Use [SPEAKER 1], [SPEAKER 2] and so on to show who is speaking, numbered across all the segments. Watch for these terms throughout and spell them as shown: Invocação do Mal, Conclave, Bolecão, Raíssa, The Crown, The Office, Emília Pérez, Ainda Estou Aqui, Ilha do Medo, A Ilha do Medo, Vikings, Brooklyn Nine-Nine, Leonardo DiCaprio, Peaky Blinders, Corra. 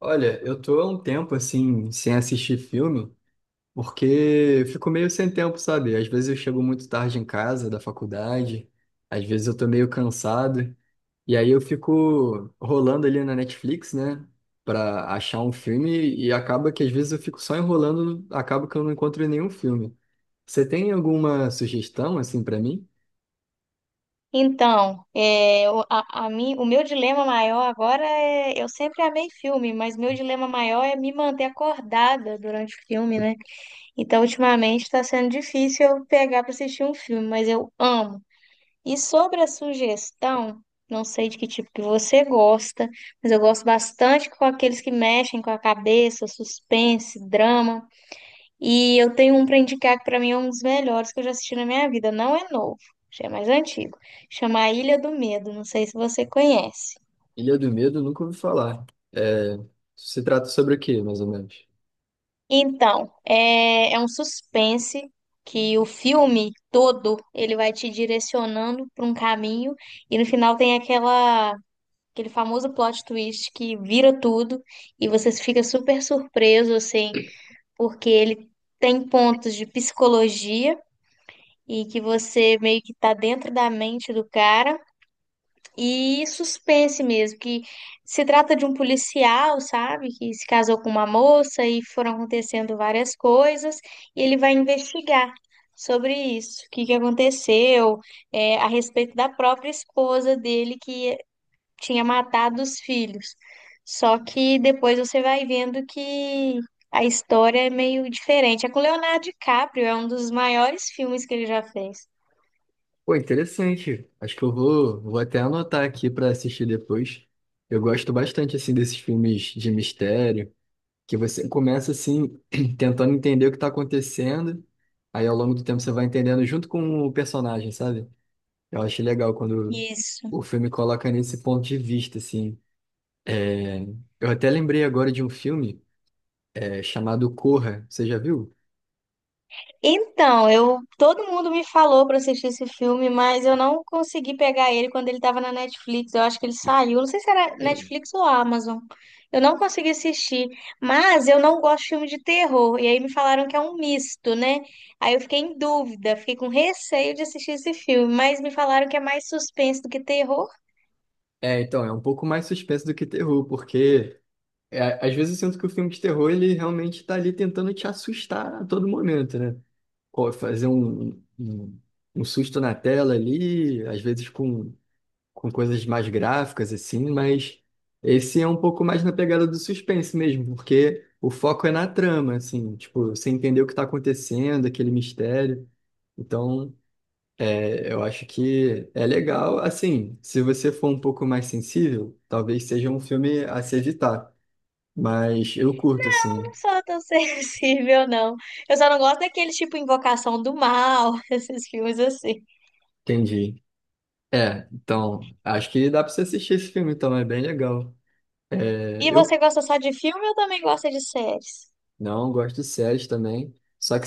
[SPEAKER 1] Olha, eu tô há um tempo assim, sem assistir filme, porque eu fico meio sem tempo, sabe? Às vezes eu chego muito tarde em casa da faculdade, às vezes eu tô meio cansado, e aí eu fico rolando ali na Netflix, né, pra achar um filme, e acaba que às vezes eu fico só enrolando, acaba que eu não encontro nenhum filme. Você tem alguma sugestão, assim, pra mim?
[SPEAKER 2] Então, é, o, a mim, o meu dilema maior agora é. Eu sempre amei filme, mas meu dilema maior é me manter acordada durante o filme, né? Então, ultimamente está sendo difícil eu pegar para assistir um filme, mas eu amo. E sobre a sugestão, não sei de que tipo que você gosta, mas eu gosto bastante com aqueles que mexem com a cabeça, suspense, drama. E eu tenho um pra indicar que pra mim é um dos melhores que eu já assisti na minha vida. Não é novo, já é mais antigo. Chama A Ilha do Medo, não sei se você conhece.
[SPEAKER 1] Ilha do Medo, eu nunca ouvi falar. É, se trata sobre o quê, mais ou menos?
[SPEAKER 2] Então, é um suspense que o filme todo ele vai te direcionando para um caminho e no final tem aquela aquele famoso plot twist que vira tudo e você fica super surpreso assim, porque ele tem pontos de psicologia e que você meio que tá dentro da mente do cara. E suspense mesmo, que se trata de um policial, sabe, que se casou com uma moça e foram acontecendo várias coisas, e ele vai investigar sobre isso, o que que aconteceu, a respeito da própria esposa dele que tinha matado os filhos. Só que depois você vai vendo que a história é meio diferente. É com Leonardo DiCaprio, é um dos maiores filmes que ele já fez.
[SPEAKER 1] Pô, interessante. Acho que eu vou, vou até anotar aqui para assistir depois. Eu gosto bastante assim desses filmes de mistério, que você começa assim tentando entender o que tá acontecendo, aí ao longo do tempo você vai entendendo junto com o personagem, sabe? Eu acho legal quando
[SPEAKER 2] Isso.
[SPEAKER 1] o filme coloca nesse ponto de vista assim. É, eu até lembrei agora de um filme chamado Corra. Você já viu?
[SPEAKER 2] Então, eu todo mundo me falou pra assistir esse filme, mas eu não consegui pegar ele quando ele tava na Netflix. Eu acho que ele saiu, não sei se era
[SPEAKER 1] Sim.
[SPEAKER 2] Netflix ou Amazon. Eu não consegui assistir, mas eu não gosto de filme de terror. E aí me falaram que é um misto, né? Aí eu fiquei em dúvida, fiquei com receio de assistir esse filme, mas me falaram que é mais suspense do que terror.
[SPEAKER 1] É, então, é um pouco mais suspense do que terror, porque é, às vezes eu sinto que o filme de terror, ele realmente tá ali tentando te assustar a todo momento, né? Fazer um susto na tela ali, às vezes com coisas mais gráficas, assim, mas esse é um pouco mais na pegada do suspense mesmo, porque o foco é na trama, assim, tipo, você entender o que tá acontecendo, aquele mistério. Então, eu acho que é legal, assim, se você for um pouco mais sensível, talvez seja um filme a se evitar. Mas eu curto,
[SPEAKER 2] Eu
[SPEAKER 1] assim.
[SPEAKER 2] não sou tão sensível, não. Eu só não gosto daquele tipo Invocação do Mal, esses filmes assim.
[SPEAKER 1] Entendi. É, então, acho que dá pra você assistir esse filme, então, é bem legal. É,
[SPEAKER 2] E você
[SPEAKER 1] eu
[SPEAKER 2] gosta só de filme ou também gosta de séries?
[SPEAKER 1] não gosto de séries também, só que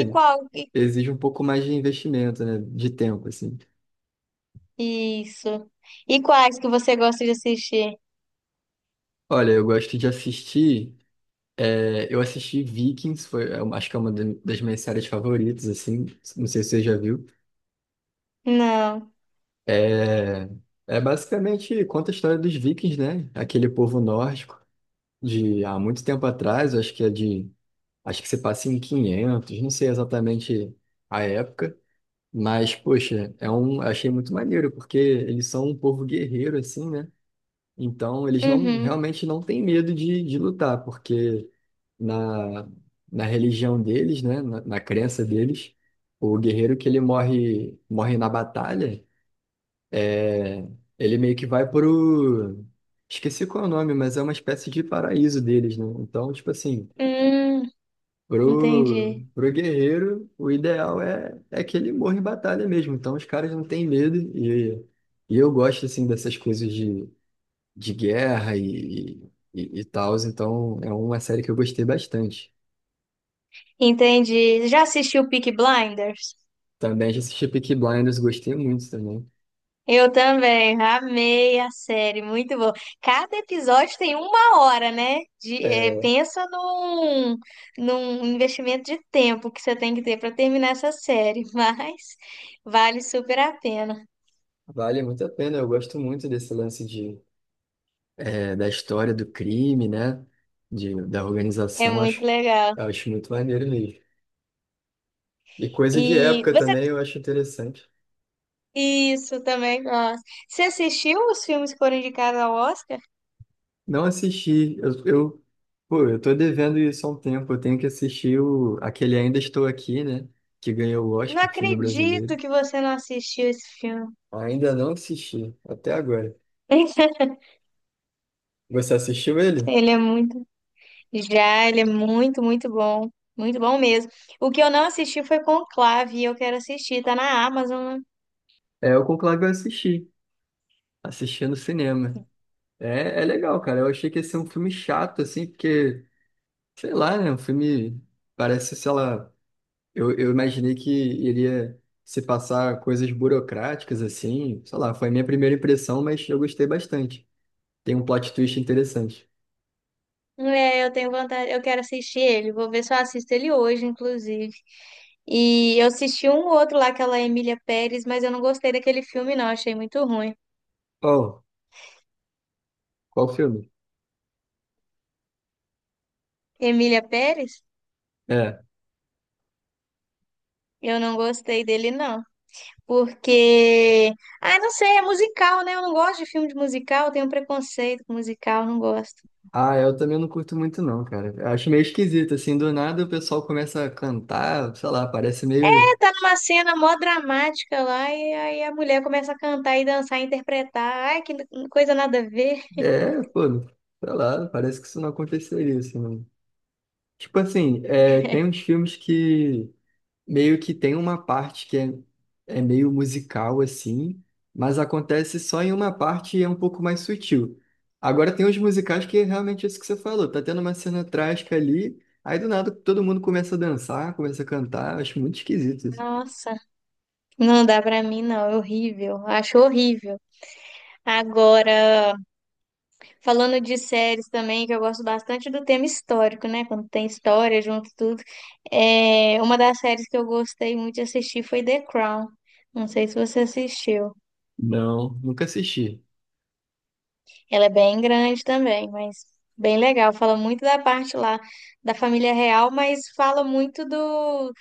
[SPEAKER 2] E qual? e-
[SPEAKER 1] exige um pouco mais de investimento, né? De tempo, assim.
[SPEAKER 2] Isso. E quais que você gosta de assistir?
[SPEAKER 1] Olha, eu gosto de assistir. Eu assisti Vikings, foi, é, acho que é uma das minhas séries favoritas, assim. Não sei se você já viu.
[SPEAKER 2] Não.
[SPEAKER 1] É, é basicamente conta a história dos Vikings, né? Aquele povo nórdico de há muito tempo atrás, acho que é de. Acho que você passa em 500, não sei exatamente a época, mas, poxa, é um, achei muito maneiro, porque eles são um povo guerreiro, assim, né? Então, eles não,
[SPEAKER 2] Uhum.
[SPEAKER 1] realmente não têm medo de lutar, porque na, na religião deles, né, na crença deles, o guerreiro que ele morre, morre na batalha, é, ele meio que vai pro... Esqueci qual é o nome, mas é uma espécie de paraíso deles, né? Então, tipo assim,
[SPEAKER 2] Hum, entendi.
[SPEAKER 1] Pro guerreiro, o ideal é que ele morra em batalha mesmo. Então os caras não têm medo. E eu gosto assim dessas coisas de guerra e e tal. Então é uma série que eu gostei bastante.
[SPEAKER 2] Entendi. Já assistiu Peaky Blinders?
[SPEAKER 1] Também já assisti Peaky Blinders, gostei muito também.
[SPEAKER 2] Eu também. Amei a série. Muito bom. Cada episódio tem uma hora, né? De,
[SPEAKER 1] É,
[SPEAKER 2] pensa num investimento de tempo que você tem que ter para terminar essa série. Mas vale super a pena.
[SPEAKER 1] vale muito a pena. Eu gosto muito desse lance de, é, da história do crime, né? De, da
[SPEAKER 2] É
[SPEAKER 1] organização.
[SPEAKER 2] muito
[SPEAKER 1] Acho,
[SPEAKER 2] legal.
[SPEAKER 1] acho muito maneiro mesmo. E coisa de
[SPEAKER 2] E
[SPEAKER 1] época
[SPEAKER 2] você
[SPEAKER 1] também eu acho interessante.
[SPEAKER 2] Isso, também gosto. Você assistiu os filmes que foram indicados ao Oscar?
[SPEAKER 1] Não assisti. Pô, eu tô devendo isso há um tempo. Eu tenho que assistir o, aquele Ainda Estou Aqui, né? Que ganhou o
[SPEAKER 2] Não
[SPEAKER 1] Oscar, filme brasileiro.
[SPEAKER 2] acredito que você não assistiu esse filme.
[SPEAKER 1] Ainda não assisti, até agora. Você assistiu ele?
[SPEAKER 2] Ele é muito. Já, ele é muito, muito bom. Muito bom mesmo. O que eu não assisti foi Conclave, e eu quero assistir. Tá na Amazon, né?
[SPEAKER 1] É, o Conclave eu assisti. Assisti no cinema. É, é legal, cara. Eu achei que ia ser um filme chato, assim, porque, sei lá, né? Um filme parece, sei lá. Eu imaginei que iria se passar coisas burocráticas, assim. Sei lá, foi a minha primeira impressão, mas eu gostei bastante. Tem um plot twist interessante.
[SPEAKER 2] É, eu tenho vontade, eu quero assistir ele. Vou ver se eu assisto ele hoje, inclusive. E eu assisti um outro lá, aquela Emília Pérez, mas eu não gostei daquele filme, não. Achei muito ruim.
[SPEAKER 1] Oh, qual filme?
[SPEAKER 2] Emília Pérez?
[SPEAKER 1] É.
[SPEAKER 2] Eu não gostei dele, não. Porque, ah, não sei, é musical, né? Eu não gosto de filme de musical, eu tenho um preconceito com musical, não gosto.
[SPEAKER 1] Ah, eu também não curto muito não, cara. Eu acho meio esquisito, assim, do nada o pessoal começa a cantar, sei lá, parece meio...
[SPEAKER 2] É, tá numa cena mó dramática lá e aí a mulher começa a cantar e dançar e interpretar. Ai, que coisa nada a ver.
[SPEAKER 1] É, pô, sei lá, parece que isso não aconteceria, assim. Não. Tipo assim, é, tem uns filmes que meio que tem uma parte que é, é meio musical assim, mas acontece só em uma parte e é um pouco mais sutil. Agora tem os musicais que é realmente isso que você falou, tá tendo uma cena trágica ali, aí do nada todo mundo começa a dançar, começa a cantar, acho muito esquisito isso.
[SPEAKER 2] Nossa, não dá pra mim, não, é horrível, acho horrível. Agora, falando de séries também, que eu gosto bastante do tema histórico, né? Quando tem história junto tudo. É, uma das séries que eu gostei muito de assistir foi The Crown. Não sei se você assistiu.
[SPEAKER 1] Não, nunca assisti.
[SPEAKER 2] Ela é bem grande também, mas bem legal. Fala muito da parte lá da família real, mas fala muito do,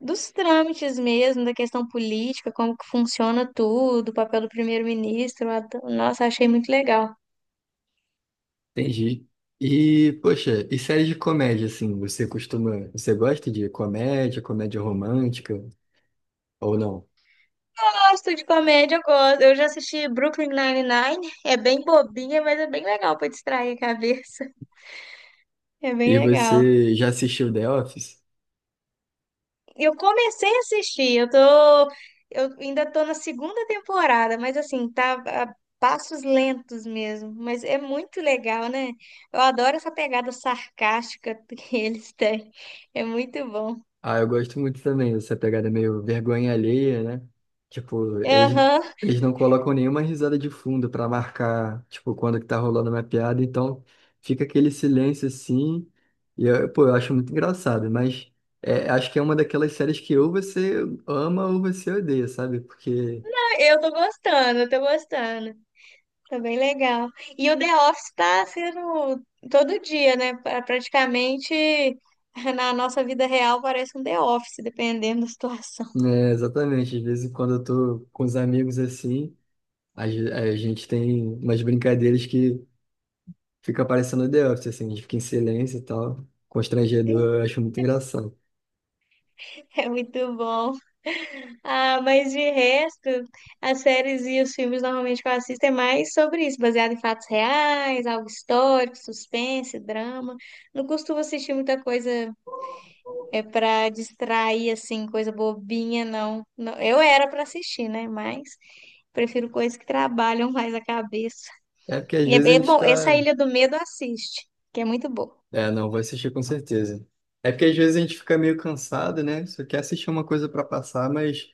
[SPEAKER 2] dos trâmites mesmo, da questão política, como que funciona tudo, o papel do primeiro-ministro. Nossa, achei muito legal.
[SPEAKER 1] Entendi. E, poxa, e séries de comédia, assim, você costuma, você gosta de comédia, comédia romântica ou não?
[SPEAKER 2] Gosto de comédia, eu gosto. Eu já assisti Brooklyn Nine-Nine. É bem bobinha, mas é bem legal para distrair a cabeça. É bem
[SPEAKER 1] E
[SPEAKER 2] legal.
[SPEAKER 1] você já assistiu The Office?
[SPEAKER 2] Eu comecei a assistir, eu ainda tô na segunda temporada, mas assim, tá a passos lentos mesmo, mas é muito legal, né? Eu adoro essa pegada sarcástica que eles têm. É muito bom.
[SPEAKER 1] Ah, eu gosto muito também dessa pegada meio vergonha alheia, né? Tipo, eles,
[SPEAKER 2] Aham,
[SPEAKER 1] eles não colocam nenhuma risada de fundo pra marcar, tipo, quando que tá rolando uma piada, então fica aquele silêncio assim, e eu, pô, eu acho muito engraçado, mas é, acho que é uma daquelas séries que ou você ama ou você odeia, sabe? Porque,
[SPEAKER 2] eu tô gostando, eu tô gostando. Tá bem legal. E o The Office tá sendo todo dia, né? Praticamente na nossa vida real parece um The Office, dependendo da situação.
[SPEAKER 1] né, exatamente, às vezes quando eu tô com os amigos assim, a gente tem umas brincadeiras que fica parecendo The Office, assim, a gente fica em silêncio e tal. Constrangedor, eu acho muito engraçado.
[SPEAKER 2] É muito bom. Ah, mas de resto, as séries e os filmes normalmente que eu assisto é mais sobre isso, baseado em fatos reais, algo histórico, suspense, drama. Não costumo assistir muita coisa é para distrair assim, coisa bobinha, não. Não, eu era para assistir, né? Mas prefiro coisas que trabalham mais a cabeça.
[SPEAKER 1] É porque às
[SPEAKER 2] E é,
[SPEAKER 1] vezes a
[SPEAKER 2] é
[SPEAKER 1] gente
[SPEAKER 2] bom, essa
[SPEAKER 1] tá.
[SPEAKER 2] Ilha do Medo assiste, que é muito boa.
[SPEAKER 1] É, não, vou assistir com certeza. É porque às vezes a gente fica meio cansado, né? Só quer assistir uma coisa pra passar, mas.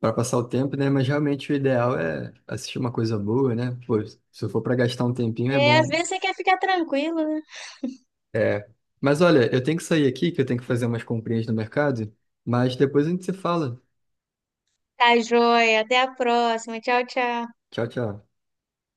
[SPEAKER 1] Pra passar o tempo, né? Mas realmente o ideal é assistir uma coisa boa, né? Pô, se for pra gastar um tempinho, é
[SPEAKER 2] É, às
[SPEAKER 1] bom.
[SPEAKER 2] vezes você quer ficar tranquilo, né?
[SPEAKER 1] É. Mas olha, eu tenho que sair aqui, que eu tenho que fazer umas comprinhas no mercado, mas depois a gente se fala.
[SPEAKER 2] Tá joia, até a próxima. Tchau, tchau.
[SPEAKER 1] Tchau, tchau.